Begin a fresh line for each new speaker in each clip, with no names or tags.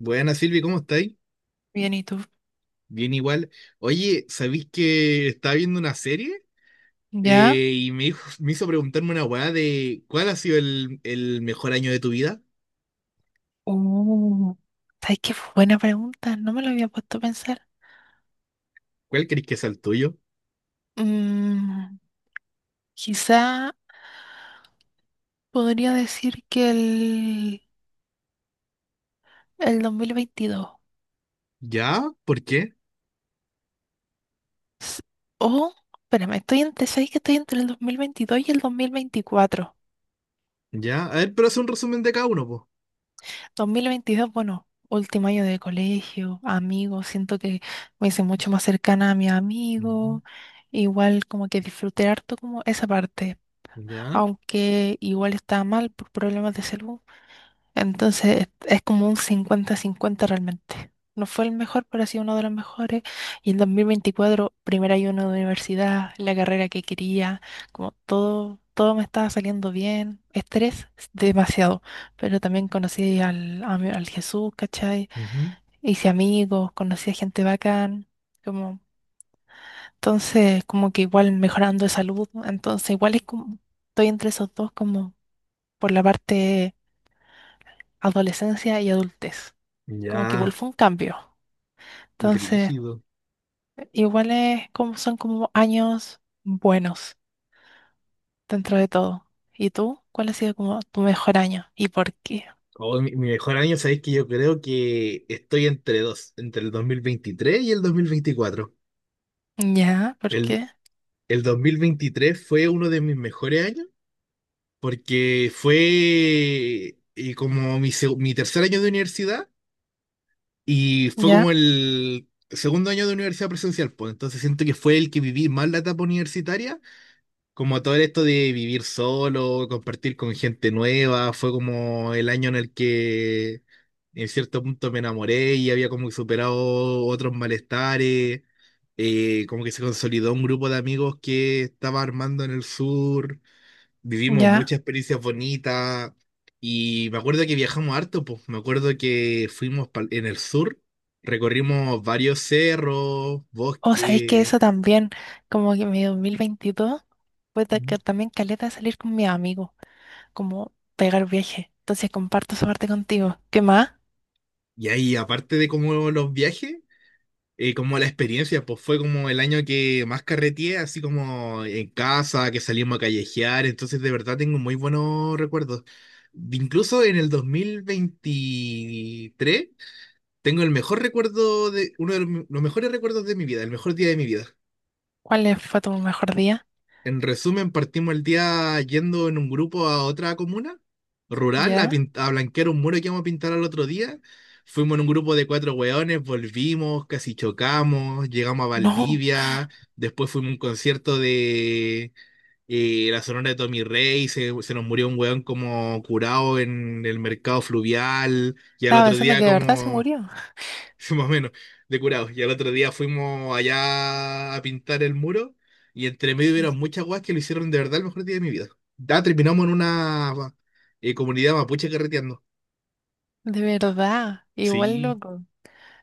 Buenas, Silvi, ¿cómo estáis?
Bien, ¿y tú?
Bien igual. Oye, ¿sabéis que estaba viendo una serie?
¿Ya?
Y me hizo preguntarme una weá de ¿cuál ha sido el mejor año de tu vida?
Uh, ¿Sabes qué? Fue buena pregunta. No me lo había puesto a pensar.
¿Cuál crees que es el tuyo?
Mm, Quizá podría decir que el 2022.
¿Ya? ¿Por qué?
S- O, espérame, estoy entre, ¿sabes que estoy entre el 2022 y el dos mil veinticuatro.
¿Ya? A ver, pero haz un resumen de cada uno, po.
2022, bueno, último año de colegio, amigos, siento que me hice mucho más cercana a mis
Ujú.
amigos, igual como que disfruté harto como esa parte.
¿Ya?
Aunque igual estaba mal por problemas de salud. Entonces es como un cincuenta-cincuenta realmente. No fue el mejor, pero ha sido uno de los mejores. Y en 2024, primer año de universidad, la carrera que quería, como todo me estaba saliendo bien. Estrés, demasiado. Pero también conocí al Jesús, ¿cachai?
Ujú.
Hice amigos, conocí a gente bacán. Como, entonces, como que igual mejorando de salud, ¿no? Entonces, igual es como, estoy entre esos dos, como por la parte adolescencia y adultez. Como que igual
Ya.
fue un cambio. Entonces,
Brígido.
igual es como, son como años buenos dentro de todo. ¿Y tú? ¿Cuál ha sido como tu mejor año? ¿Y por qué?
Oh, mi mejor año, ¿sabéis que yo creo que estoy entre dos, entre el 2023 y el 2024?
Ya, ¿por
El,
qué?
el 2023 fue uno de mis mejores años porque fue como mi tercer año de universidad y fue
Ya,
como el segundo año de universidad presencial, pues entonces siento que fue el que viví más la etapa universitaria, como todo esto de vivir solo, compartir con gente nueva, fue como el año en el que en cierto punto me enamoré y había como superado otros malestares, como que se consolidó un grupo de amigos que estaba armando en el sur. Vivimos
ya.
muchas experiencias bonitas y me acuerdo que viajamos harto, pues me acuerdo que en el sur, recorrimos varios cerros,
O sea, es que
bosques.
eso también, como que mi 2022 fue
Ujú.
que también caleta de salir con mi amigo, como pegar viaje. Entonces comparto esa parte contigo. ¿Qué más?
Y ahí aparte de como los viajes, como la experiencia, pues fue como el año que más carreteé, así como en casa, que salimos a callejear, entonces de verdad tengo muy buenos recuerdos. Incluso en el 2023 tengo el mejor recuerdo de, uno de los mejores recuerdos de mi vida, el mejor día de mi vida.
¿Cuál fue tu mejor día?
En resumen, partimos el día yendo en un grupo a otra comuna rural a,
¿Ya?
a blanquear un muro que íbamos a pintar al otro día. Fuimos en un grupo de cuatro hueones, volvimos, casi chocamos, llegamos a
No.
Valdivia, después fuimos a un concierto de la Sonora de Tommy Rey, se nos murió un hueón como curado en el mercado fluvial, y al
Estaba
otro
pensando
día
que de verdad se
como
murió.
más o menos, de curados. Y al otro día fuimos allá a pintar el muro y entre medio hubieron muchas guas que lo hicieron de verdad el mejor día de mi vida. Ya terminamos en una comunidad mapuche carreteando.
De verdad. Igual
Sí,
loco.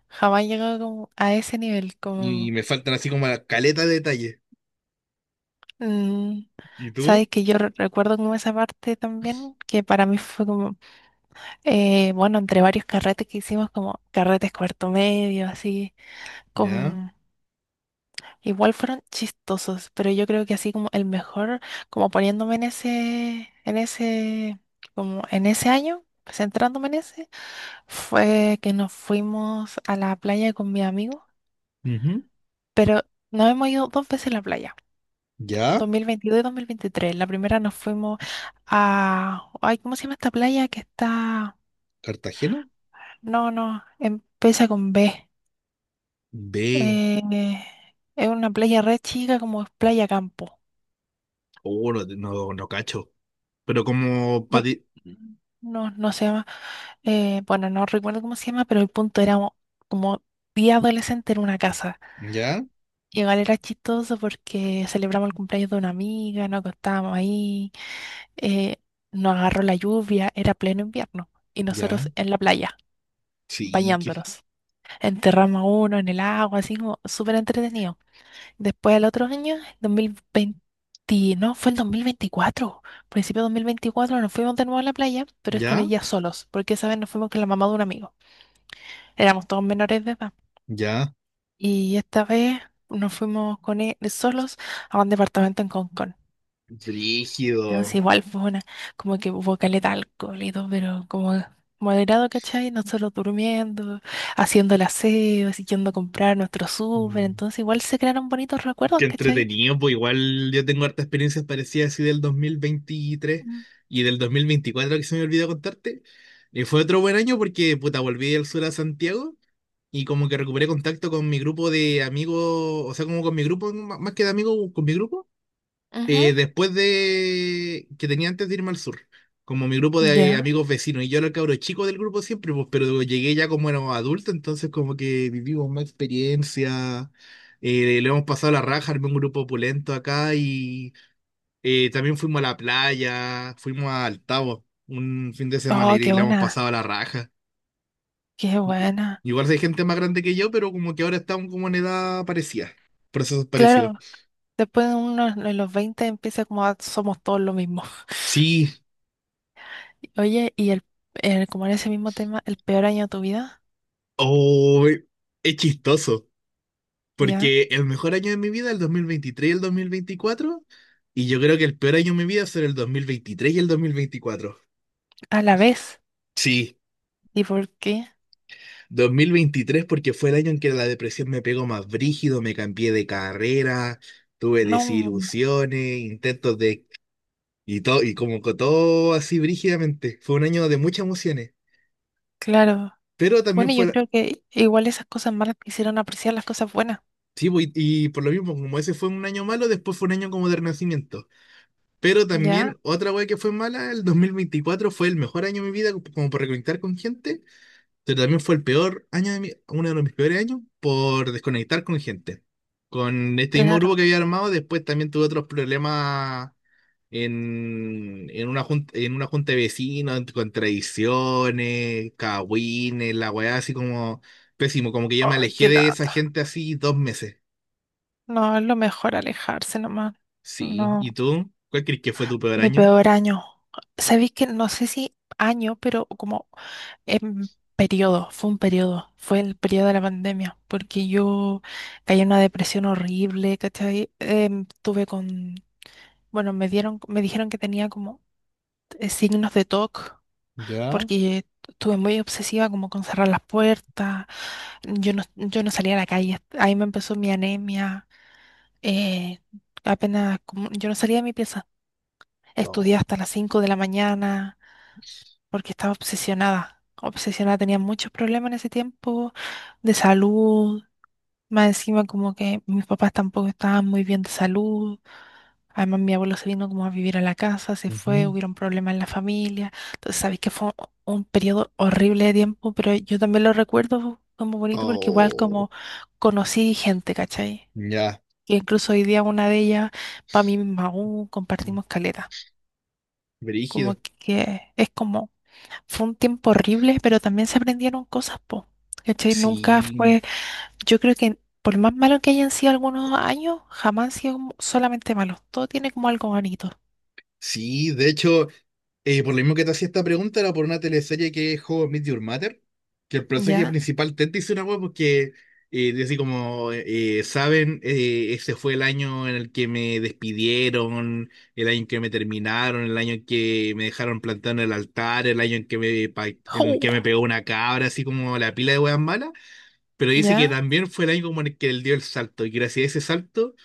Jamás llegó como a ese nivel.
y
Como.
me faltan así como la caleta de detalles.
mm,
¿Y tú?
sabes que yo recuerdo como esa parte también. Que para mí fue como, bueno, entre varios carretes que hicimos, como carretes cuarto medio, así.
Ya.
Como. Igual fueron chistosos. Pero yo creo que así como el mejor. Como poniéndome en ese. En ese. Como en ese año. Centrándome en ese. Fue que nos fuimos a la playa con mi amigo.
Ujú.
Pero nos hemos ido dos veces a la playa,
Ya.
2022 y 2023. La primera nos fuimos a, ay, ¿cómo se llama esta playa que está?
¿Cartagena?
No, no, empieza con B.
B.
Eh, es una playa re chica como es Playa Campo.
Oh, no, no, no cacho. Pero como
Bu- No, no se llama. Bueno, no recuerdo cómo se llama, pero el punto era como día adolescente en una casa.
ya,
Y igual era chistoso porque celebramos el cumpleaños de una amiga, nos acostábamos ahí. eh, Nos agarró la lluvia, era pleno invierno, y
ya.
nosotros en la playa,
Sí, que.
bañándonos. Enterramos a uno en el agua, así como súper entretenido. Después, al otro año, 2020, no, fue el 2024, principio de 2024, nos fuimos de nuevo a la playa, pero esta
Ya,
vez ya solos, porque esa vez nos fuimos con la mamá de un amigo. Éramos todos menores de edad.
ya.
Y esta vez nos fuimos con él solos a un departamento en Concón. Entonces
Rígido.
igual fue una, como que hubo caleta de alcohol y todo, pero como moderado, ¿cachai? Nosotros durmiendo, haciendo el aseo, así yendo a comprar nuestro súper, entonces igual se crearon bonitos recuerdos,
Qué
¿cachai?
entretenido, pues igual yo tengo hartas experiencias parecidas así del 2023
Mm.
y del 2024 que se me olvidó contarte. Y fue otro buen año porque, puta, volví al sur a Santiago y como que recuperé contacto con mi grupo de amigos, o sea, como con mi grupo, más que de amigos, con mi grupo.
Ujú.
Después de que tenía antes de irme al sur, como mi grupo de
Ya.
amigos vecinos, y yo era el cabro chico del grupo siempre, pues, pero llegué ya como era adulto, entonces como que vivimos más experiencia, le hemos pasado la raja, armé un grupo opulento acá y también fuimos a la playa, fuimos a Altavo un fin de semana
Oh,
y
qué
le hemos
buena,
pasado la raja.
qué buena.
Igual si hay gente más grande que yo, pero como que ahora estamos como en edad parecida, procesos parecidos.
Claro, después de los 20 empieza como somos todos lo mismo.
Sí,
Oye, y el, el como en ese mismo tema, el peor año de tu vida,
oh, es chistoso.
¿ya?
Porque el mejor año de mi vida, el 2023 y el dos mil veinticuatro, y yo creo que el peor año de mi vida será el 2023 y el dos mil veinticuatro.
A la vez.
Sí,
¿Y por qué?
2023 porque fue el año en que la depresión me pegó más brígido, me cambié de carrera, tuve
No,
desilusiones, intentos de... Y todo, y como que todo así brígidamente. Fue un año de muchas emociones,
claro.
pero también
Bueno,
fue...
yo creo que igual esas cosas malas te hicieron apreciar las cosas buenas,
Sí, pues, y por lo mismo, como ese fue un año malo, después fue un año como de renacimiento. Pero
¿ya?
también otra wea que fue mala, el 2024 fue el mejor año de mi vida como por reconectar con gente, pero también fue el peor año de mi, uno de mis peores años por desconectar con gente. Con este mismo grupo
Claro.
que había armado, después también tuve otros problemas en una junta de vecinos, con tradiciones, cagüines, la weá así como pésimo, como que yo me
Ay,
alejé
qué
de esa
lata.
gente así 2 meses.
No, es lo mejor alejarse nomás.
Sí, ¿y
No,
tú? ¿Cuál crees que fue tu peor
mi
año?
peor año. Sabéis que no sé si año, pero como en periodo, fue un periodo, fue el periodo de la pandemia, porque yo caí en una depresión horrible, ¿cachai? Bueno, me dijeron que tenía como signos de TOC,
¿Ya?
porque estuve muy obsesiva como con cerrar las puertas. Yo no salía a la calle. Ahí me empezó mi anemia. eh, Apenas, yo no salía de mi pieza. Estudié
No.
hasta las 5 de la mañana porque estaba obsesionada. Obsesionada, tenía muchos problemas en ese tiempo de salud. Más encima como que mis papás tampoco estaban muy bien de salud. Además mi abuelo se vino como a vivir a la casa, se fue,
Ujú.
hubieron problemas en la familia. Entonces sabéis que fue un periodo horrible de tiempo, pero yo también lo recuerdo como bonito porque igual
Oh,
como conocí gente, ¿cachai?
ya,
Que incluso hoy día una de ellas, para mí misma aún, compartimos caleta.
brígido.
Como que es como, fue un tiempo horrible, pero también se aprendieron cosas, po. ¿Cachai? Nunca
Sí,
fue. Yo creo que por más malo que hayan sido algunos años, jamás han sido como solamente malos. Todo tiene como algo bonito.
sí, de hecho, por lo mismo que te hacía esta pregunta, era por una teleserie que es How I Met Your Mother, que el personaje
¿Ya?
principal, Ted, dice una hueá porque, dice saben, ese fue el año en el que me despidieron, el año en que me terminaron, el año en que me dejaron plantado en el altar, el año en que en el
¡Ju!
que me pegó una cabra, así como la pila de hueas malas, pero dice que
¿Ya?
también fue el año como en el que él dio el salto, y gracias a ese salto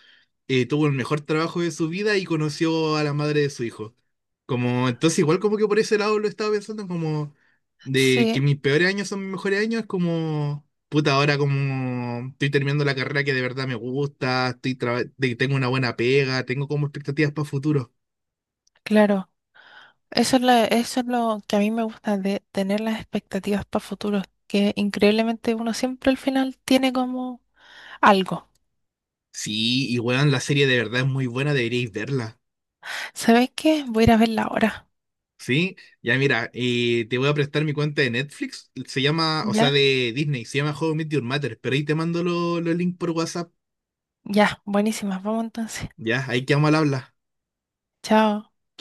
tuvo el mejor trabajo de su vida y conoció a la madre de su hijo. Como, entonces igual como que por ese lado lo estaba pensando como de que
Sí,
mis peores años son mis mejores años, es como, puta, ahora como estoy terminando la carrera que de verdad me gusta, estoy tengo una buena pega, tengo como expectativas para futuro.
claro. Eso es lo que a mí me gusta de tener las expectativas para futuros, que increíblemente uno siempre al final tiene como algo.
Sí, y weón, la serie de verdad es muy buena, deberíais verla.
¿Sabéis qué? Voy a ir a verla ahora.
Sí, ya mira, te voy a prestar mi cuenta de Netflix, se llama, o sea,
¿Ya?
de Disney, se llama How I Met Your Mother, pero ahí te mando los links por WhatsApp.
Ya, buenísimas. Vamos entonces.
Ya, ahí quedamos al habla.
Chao.